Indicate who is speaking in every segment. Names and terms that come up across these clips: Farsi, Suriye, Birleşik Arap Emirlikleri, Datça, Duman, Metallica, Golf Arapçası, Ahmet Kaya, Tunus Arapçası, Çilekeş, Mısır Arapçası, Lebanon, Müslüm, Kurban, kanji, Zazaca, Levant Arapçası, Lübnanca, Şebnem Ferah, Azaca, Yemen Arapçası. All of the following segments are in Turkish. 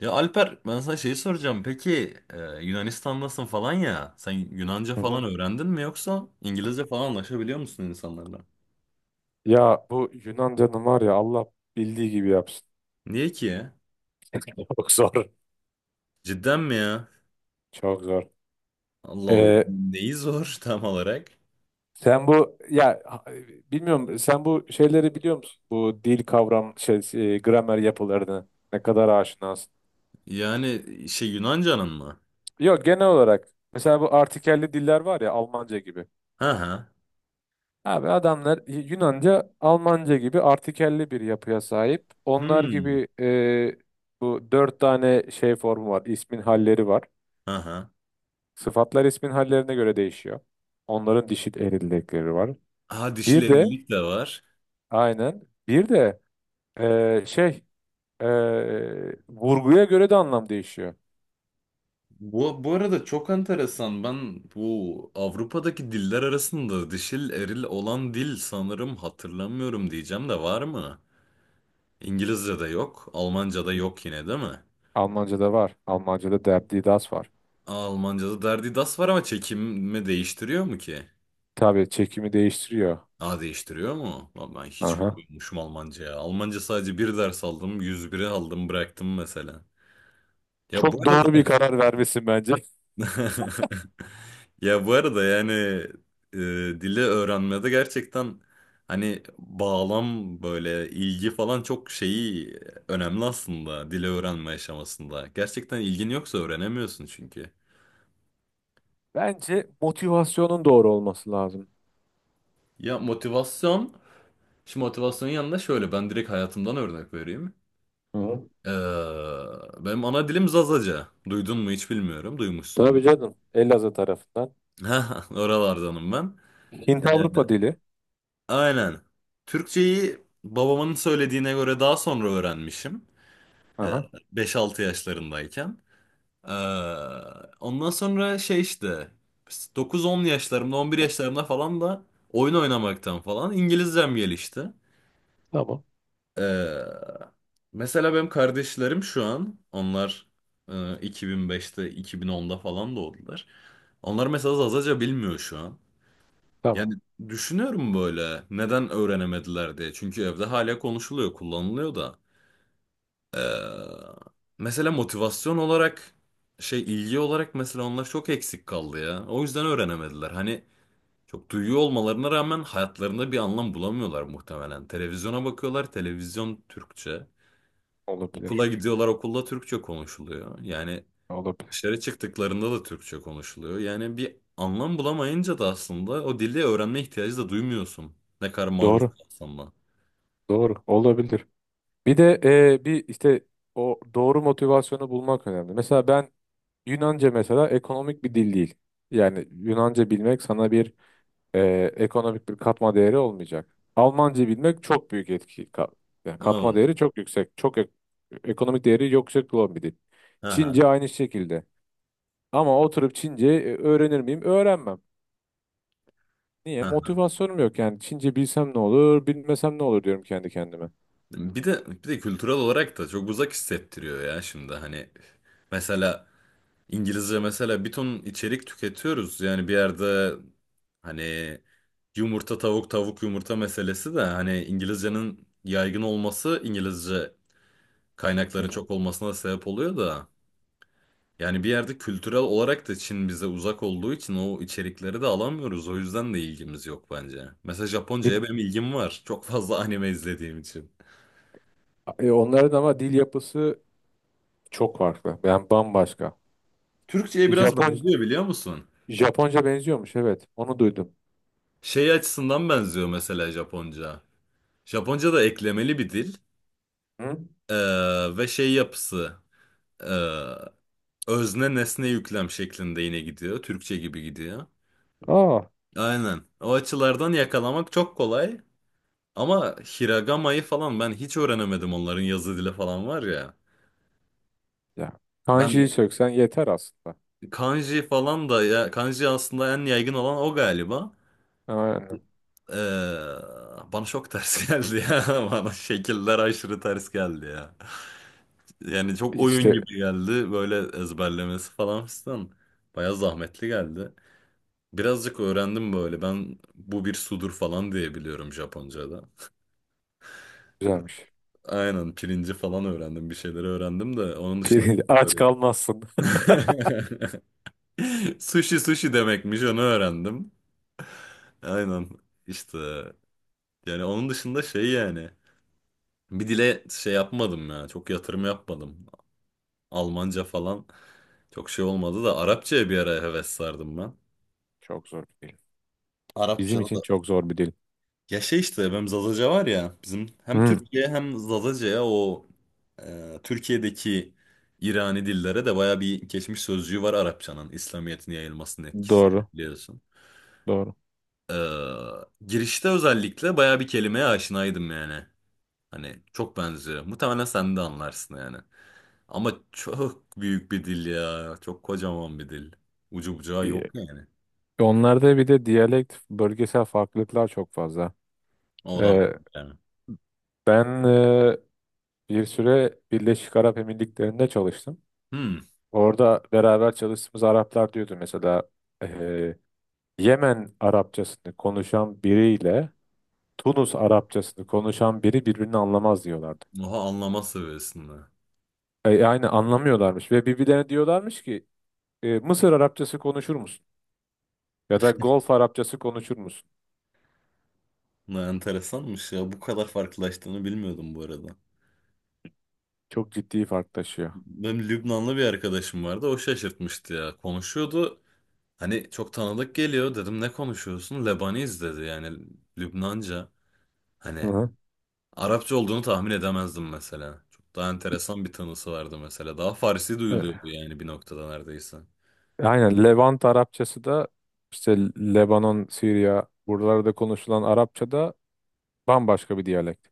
Speaker 1: Ya Alper ben sana şeyi soracağım. Peki Yunanistan'dasın falan ya. Sen Yunanca
Speaker 2: Hı
Speaker 1: falan
Speaker 2: hı.
Speaker 1: öğrendin mi yoksa İngilizce falan anlaşabiliyor musun insanlarla?
Speaker 2: Ya bu Yunan canım var ya Allah bildiği gibi yapsın.
Speaker 1: Niye ki ya?
Speaker 2: Çok zor.
Speaker 1: Cidden mi ya?
Speaker 2: Çok zor.
Speaker 1: Allah Allah.
Speaker 2: Ee,
Speaker 1: Neyi zor tam olarak?
Speaker 2: Sen bu ya bilmiyorum, sen bu şeyleri biliyor musun? Bu dil kavram şey gramer yapılarını ne kadar aşinasın?
Speaker 1: Yani şey Yunanca'nın mı?
Speaker 2: Yok, genel olarak mesela bu artikelli diller var ya, Almanca gibi.
Speaker 1: Hı hı.
Speaker 2: Abi adamlar Yunanca, Almanca gibi artikelli bir yapıya sahip. Onlar
Speaker 1: Hmm.
Speaker 2: gibi bu dört tane şey formu var, ismin halleri var.
Speaker 1: Hı hı.
Speaker 2: Sıfatlar ismin hallerine göre değişiyor. Onların dişil eril var.
Speaker 1: Ha,
Speaker 2: Bir de
Speaker 1: dişilerilik de var.
Speaker 2: aynen bir de şey, vurguya göre de anlam değişiyor.
Speaker 1: Bu arada çok enteresan. Ben bu Avrupa'daki diller arasında dişil eril olan dil sanırım hatırlamıyorum diyeceğim de var mı? İngilizce de yok. Almanca da yok yine değil mi?
Speaker 2: Almanca'da var. Almanca'da der die das var.
Speaker 1: Aa, Almanca'da derdi das var ama çekimi değiştiriyor mu ki?
Speaker 2: Tabii çekimi değiştiriyor.
Speaker 1: A değiştiriyor mu? Lan ben hiç
Speaker 2: Aha.
Speaker 1: bilmiyormuşum Almanca ya. Almanca sadece bir ders aldım. 101'i aldım bıraktım mesela. Ya bu
Speaker 2: Çok doğru bir
Speaker 1: arada.
Speaker 2: karar vermesin bence.
Speaker 1: Ya bu arada yani, e, dili öğrenmede gerçekten hani bağlam böyle ilgi falan çok şeyi önemli aslında dili öğrenme aşamasında. Gerçekten ilgin yoksa öğrenemiyorsun çünkü.
Speaker 2: Bence motivasyonun doğru olması lazım.
Speaker 1: Ya motivasyon, şimdi motivasyonun yanında şöyle ben direkt hayatımdan örnek vereyim.
Speaker 2: Hı.
Speaker 1: Ee, Benim ana dilim Zazaca. Duydun mu hiç bilmiyorum. Duymuşsundur.
Speaker 2: Tabii canım. Elazığ tarafından.
Speaker 1: Ha, oralardanım ben.
Speaker 2: Hint
Speaker 1: Ee,
Speaker 2: Avrupa dili.
Speaker 1: aynen. Türkçeyi babamın söylediğine göre daha sonra öğrenmişim. Ee,
Speaker 2: Aha.
Speaker 1: 5-6 yaşlarındayken. Ee, Ondan sonra şey işte 9-10 yaşlarımda 11 yaşlarımda falan da oyun oynamaktan falan İngilizcem gelişti.
Speaker 2: Tamam.
Speaker 1: Ee, Mesela benim kardeşlerim şu an onlar, e, 2005'te 2010'da falan doğdular. Onlar mesela Zazaca bilmiyor şu an. Yani
Speaker 2: Tamam.
Speaker 1: düşünüyorum böyle neden öğrenemediler diye. Çünkü evde hala konuşuluyor, kullanılıyor da. Mesela motivasyon olarak şey ilgi olarak mesela onlar çok eksik kaldı ya. O yüzden öğrenemediler. Hani çok duyuyor olmalarına rağmen hayatlarında bir anlam bulamıyorlar muhtemelen. Televizyona bakıyorlar, televizyon Türkçe.
Speaker 2: Olabilir.
Speaker 1: Okula gidiyorlar, okulda Türkçe konuşuluyor. Yani
Speaker 2: Olabilir.
Speaker 1: dışarı çıktıklarında da Türkçe konuşuluyor. Yani bir anlam bulamayınca da aslında o dili öğrenme ihtiyacı da duymuyorsun. Ne kadar maruz
Speaker 2: Doğru.
Speaker 1: kalsan da.
Speaker 2: Doğru. Olabilir. Bir de bir işte o doğru motivasyonu bulmak önemli. Mesela ben Yunanca, mesela ekonomik bir dil değil. Yani Yunanca bilmek sana bir e, ekonomik bir katma değeri olmayacak. Almanca bilmek çok büyük etki. Yani katma
Speaker 1: Evet.
Speaker 2: değeri çok yüksek. Ekonomik değeri yüksek olan bir dil.
Speaker 1: Aha.
Speaker 2: Çince aynı şekilde. Ama oturup Çince öğrenir miyim? Öğrenmem. Niye?
Speaker 1: Aha.
Speaker 2: Motivasyonum yok yani. Çince bilsem ne olur, bilmesem ne olur diyorum kendi kendime.
Speaker 1: Bir de kültürel olarak da çok uzak hissettiriyor ya şimdi hani mesela İngilizce mesela bir ton içerik tüketiyoruz. Yani bir yerde hani yumurta tavuk tavuk yumurta meselesi de hani İngilizcenin yaygın olması İngilizce
Speaker 2: Hı
Speaker 1: kaynakların
Speaker 2: hı.
Speaker 1: çok olmasına sebep oluyor da yani bir yerde kültürel olarak da Çin bize uzak olduğu için o içerikleri de alamıyoruz. O yüzden de ilgimiz yok bence. Mesela
Speaker 2: Bir,
Speaker 1: Japonca'ya benim ilgim var. Çok fazla anime izlediğim için.
Speaker 2: Onların ama dil yapısı çok farklı. Ben bambaşka.
Speaker 1: Türkçe'ye biraz
Speaker 2: Japon
Speaker 1: benziyor biliyor musun?
Speaker 2: Japonca benziyormuş, evet. Onu duydum.
Speaker 1: Şey açısından benziyor mesela Japonca. Japonca da eklemeli bir dil.
Speaker 2: Hı?
Speaker 1: Ve şey yapısı, ee, özne nesne yüklem şeklinde yine gidiyor. Türkçe gibi gidiyor.
Speaker 2: Aa,
Speaker 1: Aynen. O açılardan yakalamak çok kolay. Ama Hiragama'yı falan ben hiç öğrenemedim, onların yazı dili falan var ya.
Speaker 2: ya.
Speaker 1: Ben
Speaker 2: Kanji'yi söksen yeter aslında.
Speaker 1: kanji falan da ya, kanji aslında en yaygın olan o galiba.
Speaker 2: Aynen.
Speaker 1: Ee, Bana çok ters geldi ya. Bana şekiller aşırı ters geldi ya. Yani çok oyun
Speaker 2: İşte
Speaker 1: gibi geldi böyle ezberlemesi falan filan. Baya zahmetli geldi. Birazcık öğrendim böyle. Ben bu bir sudur falan diye biliyorum Japonca'da.
Speaker 2: güzelmiş.
Speaker 1: Aynen, pirinci falan öğrendim. Bir şeyleri öğrendim de onun dışında
Speaker 2: Aç kalmazsın.
Speaker 1: sushi sushi demekmiş onu öğrendim. Aynen, işte yani onun dışında şey yani bir dile şey yapmadım ya, çok yatırım yapmadım. Almanca falan çok şey olmadı da Arapçaya bir ara heves sardım ben.
Speaker 2: Çok zor bir dil. Bizim
Speaker 1: Arapçada da
Speaker 2: için çok zor bir dil.
Speaker 1: ya şey işte benim Zazaca var ya, bizim hem
Speaker 2: Hı,
Speaker 1: Türkiye hem Zazaca'ya o, Türkiye'deki İrani dillere de baya bir geçmiş sözcüğü var, Arapçanın İslamiyet'in yayılmasının etkisi
Speaker 2: doğru.
Speaker 1: biliyorsun.
Speaker 2: Doğru.
Speaker 1: Ee, Girişte özellikle baya bir kelimeye aşinaydım yani. Hani çok benziyor. Muhtemelen sen de anlarsın yani. Ama çok büyük bir dil ya. Çok kocaman bir dil. Ucu bucağı
Speaker 2: Ee,
Speaker 1: yok yani.
Speaker 2: Onlarda bir de diyalekt, bölgesel farklılıklar çok fazla.
Speaker 1: O da var
Speaker 2: Ee,
Speaker 1: yani.
Speaker 2: Ben bir süre Birleşik Arap Emirlikleri'nde çalıştım.
Speaker 1: Hmm.
Speaker 2: Orada beraber çalıştığımız Araplar diyordu mesela Yemen Arapçasını konuşan biriyle Tunus Arapçasını konuşan biri birbirini anlamaz diyorlardı.
Speaker 1: Oha, anlama seviyesinde.
Speaker 2: Yani anlamıyorlarmış ve birbirlerine diyorlarmış ki Mısır Arapçası konuşur musun? Ya da Golf Arapçası konuşur musun?
Speaker 1: Ne enteresanmış ya. Bu kadar farklılaştığını bilmiyordum bu arada.
Speaker 2: Çok ciddi fark taşıyor.
Speaker 1: Benim Lübnanlı bir arkadaşım vardı. O şaşırtmıştı ya. Konuşuyordu. Hani çok tanıdık geliyor. Dedim ne konuşuyorsun? Lebaniz dedi yani. Lübnanca.
Speaker 2: Hı
Speaker 1: Hani
Speaker 2: hı.
Speaker 1: Arapça olduğunu tahmin edemezdim mesela. Çok daha enteresan bir tanısı vardı mesela. Daha Farsi
Speaker 2: E,
Speaker 1: duyuluyordu yani bir noktada neredeyse.
Speaker 2: aynen, Levant Arapçası da işte Lebanon, Suriye, buralarda konuşulan Arapça da bambaşka bir diyalekt.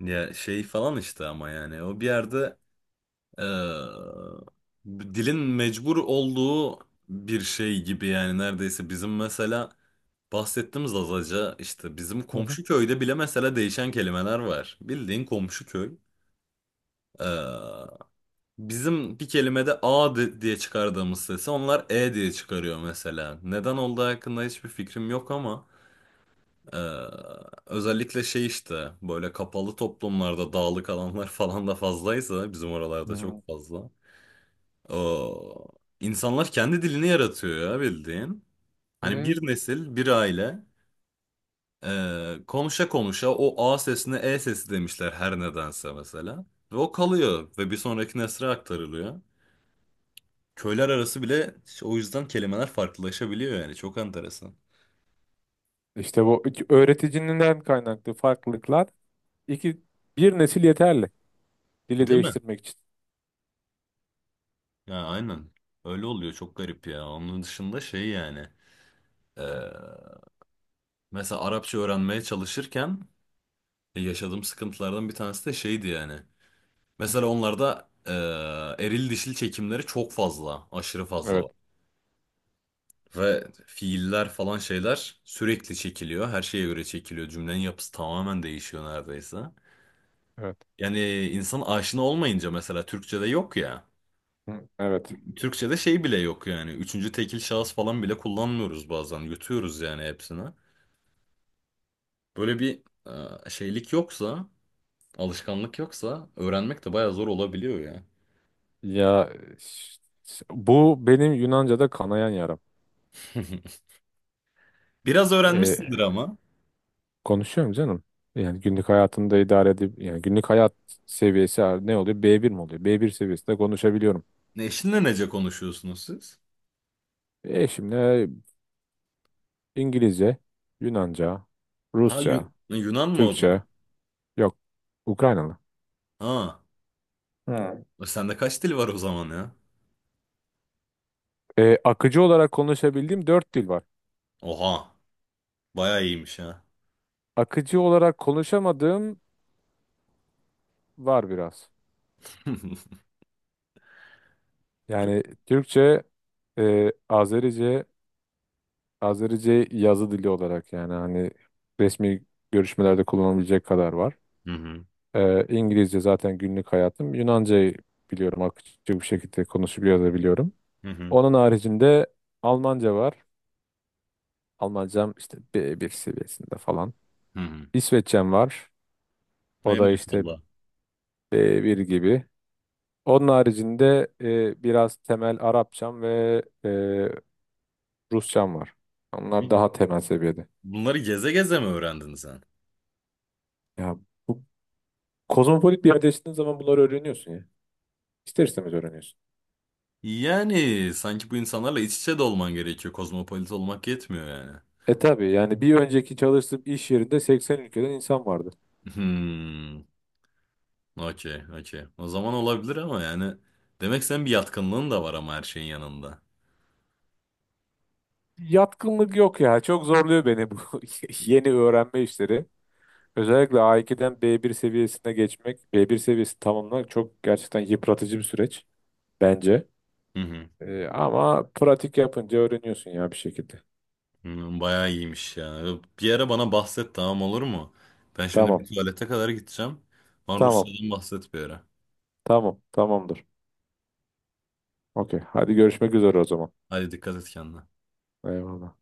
Speaker 1: Ya şey falan işte ama yani o bir yerde, eee, dilin mecbur olduğu bir şey gibi yani neredeyse bizim mesela bahsettiğimiz Azaca işte bizim
Speaker 2: Hı hı.
Speaker 1: komşu köyde bile mesela değişen kelimeler var. Bildiğin komşu köy. Eee, Bizim bir kelimede A diye çıkardığımız sesi onlar E diye çıkarıyor mesela. Neden olduğu hakkında hiçbir fikrim yok ama, e, özellikle şey işte böyle kapalı toplumlarda dağlık alanlar falan da fazlaysa bizim oralarda
Speaker 2: Hı.
Speaker 1: çok fazla. O, insanlar kendi dilini yaratıyor ya bildiğin. Hani
Speaker 2: E,
Speaker 1: bir nesil bir aile, konuşa konuşa o A sesine E sesi demişler her nedense mesela. Ve o kalıyor ve bir sonraki nesle aktarılıyor. Köyler arası bile işte o yüzden kelimeler farklılaşabiliyor yani. Çok enteresan.
Speaker 2: işte bu öğreticinin kaynaklı farklılıklar, iki, bir nesil yeterli dili
Speaker 1: Değil mi?
Speaker 2: değiştirmek için.
Speaker 1: Ya aynen. Öyle oluyor. Çok garip ya. Onun dışında şey yani. e, Mesela Arapça öğrenmeye çalışırken, yaşadığım sıkıntılardan bir tanesi de şeydi yani. Mesela onlarda, eril dişil çekimleri çok fazla. Aşırı fazla
Speaker 2: Evet,
Speaker 1: var. Ve fiiller falan şeyler sürekli çekiliyor. Her şeye göre çekiliyor. Cümlenin yapısı tamamen değişiyor neredeyse.
Speaker 2: evet.
Speaker 1: Yani insan aşina olmayınca mesela Türkçe'de yok ya.
Speaker 2: Hı, evet.
Speaker 1: Türkçe'de şey bile yok yani. Üçüncü tekil şahıs falan bile kullanmıyoruz bazen. Yutuyoruz yani hepsini. Böyle bir şeylik yoksa, alışkanlık yoksa öğrenmek de bayağı zor olabiliyor ya.
Speaker 2: Ya, bu benim Yunanca'da kanayan yaram.
Speaker 1: Biraz
Speaker 2: Ee,
Speaker 1: öğrenmişsindir ama.
Speaker 2: Konuşuyorum canım. Yani günlük hayatımda idare edip, yani günlük hayat seviyesi ne oluyor? B1 mi oluyor? B1 seviyesinde konuşabiliyorum.
Speaker 1: Ne, eşinle nece konuşuyorsunuz siz?
Speaker 2: E şimdi İngilizce, Yunanca,
Speaker 1: Ha,
Speaker 2: Rusça,
Speaker 1: Yunan mı o
Speaker 2: Türkçe,
Speaker 1: da?
Speaker 2: yok, Ukraynalı.
Speaker 1: Ha,
Speaker 2: Hı.
Speaker 1: Sende kaç dil var o zaman ya?
Speaker 2: Akıcı olarak konuşabildiğim dört dil var.
Speaker 1: Oha, bayağı iyiymiş ha.
Speaker 2: Akıcı olarak konuşamadığım var biraz. Yani Türkçe, Azerice. Azerice yazı dili olarak, yani hani resmi görüşmelerde kullanılabilecek kadar var.
Speaker 1: Hı hı.
Speaker 2: E, İngilizce zaten günlük hayatım. Yunanca'yı biliyorum, akıcı bir şekilde konuşup yazabiliyorum.
Speaker 1: Hı hı.
Speaker 2: Onun haricinde Almanca var. Almancam işte B1 seviyesinde falan.
Speaker 1: Hı hı.
Speaker 2: İsveççem var. O
Speaker 1: Ey
Speaker 2: da işte
Speaker 1: maşallah.
Speaker 2: B1 gibi. Onun haricinde biraz temel Arapçam ve Rusçam var. Onlar daha temel seviyede.
Speaker 1: Bunları geze geze mi öğrendin sen?
Speaker 2: Ya, bu kozmopolit bir yerde yaşadığın zaman bunları öğreniyorsun ya. İster istemez öğreniyorsun.
Speaker 1: Yani sanki bu insanlarla iç içe de olman gerekiyor. Kozmopolit olmak yetmiyor yani.
Speaker 2: E tabii yani, bir önceki çalıştığım iş yerinde 80 ülkeden insan vardı.
Speaker 1: Hmm. Okey, okey. O zaman olabilir ama yani demek senin bir yatkınlığın da var ama her şeyin yanında.
Speaker 2: Yatkınlık yok ya. Çok zorluyor beni bu yeni öğrenme işleri. Özellikle A2'den B1 seviyesine geçmek, B1 seviyesi tamamlamak çok gerçekten yıpratıcı bir süreç bence.
Speaker 1: Hı hı.
Speaker 2: E, ama pratik yapınca öğreniyorsun ya bir şekilde.
Speaker 1: Hmm, bayağı iyiymiş ya. Bir ara bana bahset, tamam olur mu? Ben şimdi bir
Speaker 2: Tamam,
Speaker 1: tuvalete kadar gideceğim. Bana
Speaker 2: tamam,
Speaker 1: Rusya'dan bahset bir ara.
Speaker 2: tamam, tamamdır. Okey, hadi görüşmek üzere o zaman.
Speaker 1: Hadi dikkat et kendine.
Speaker 2: Eyvallah.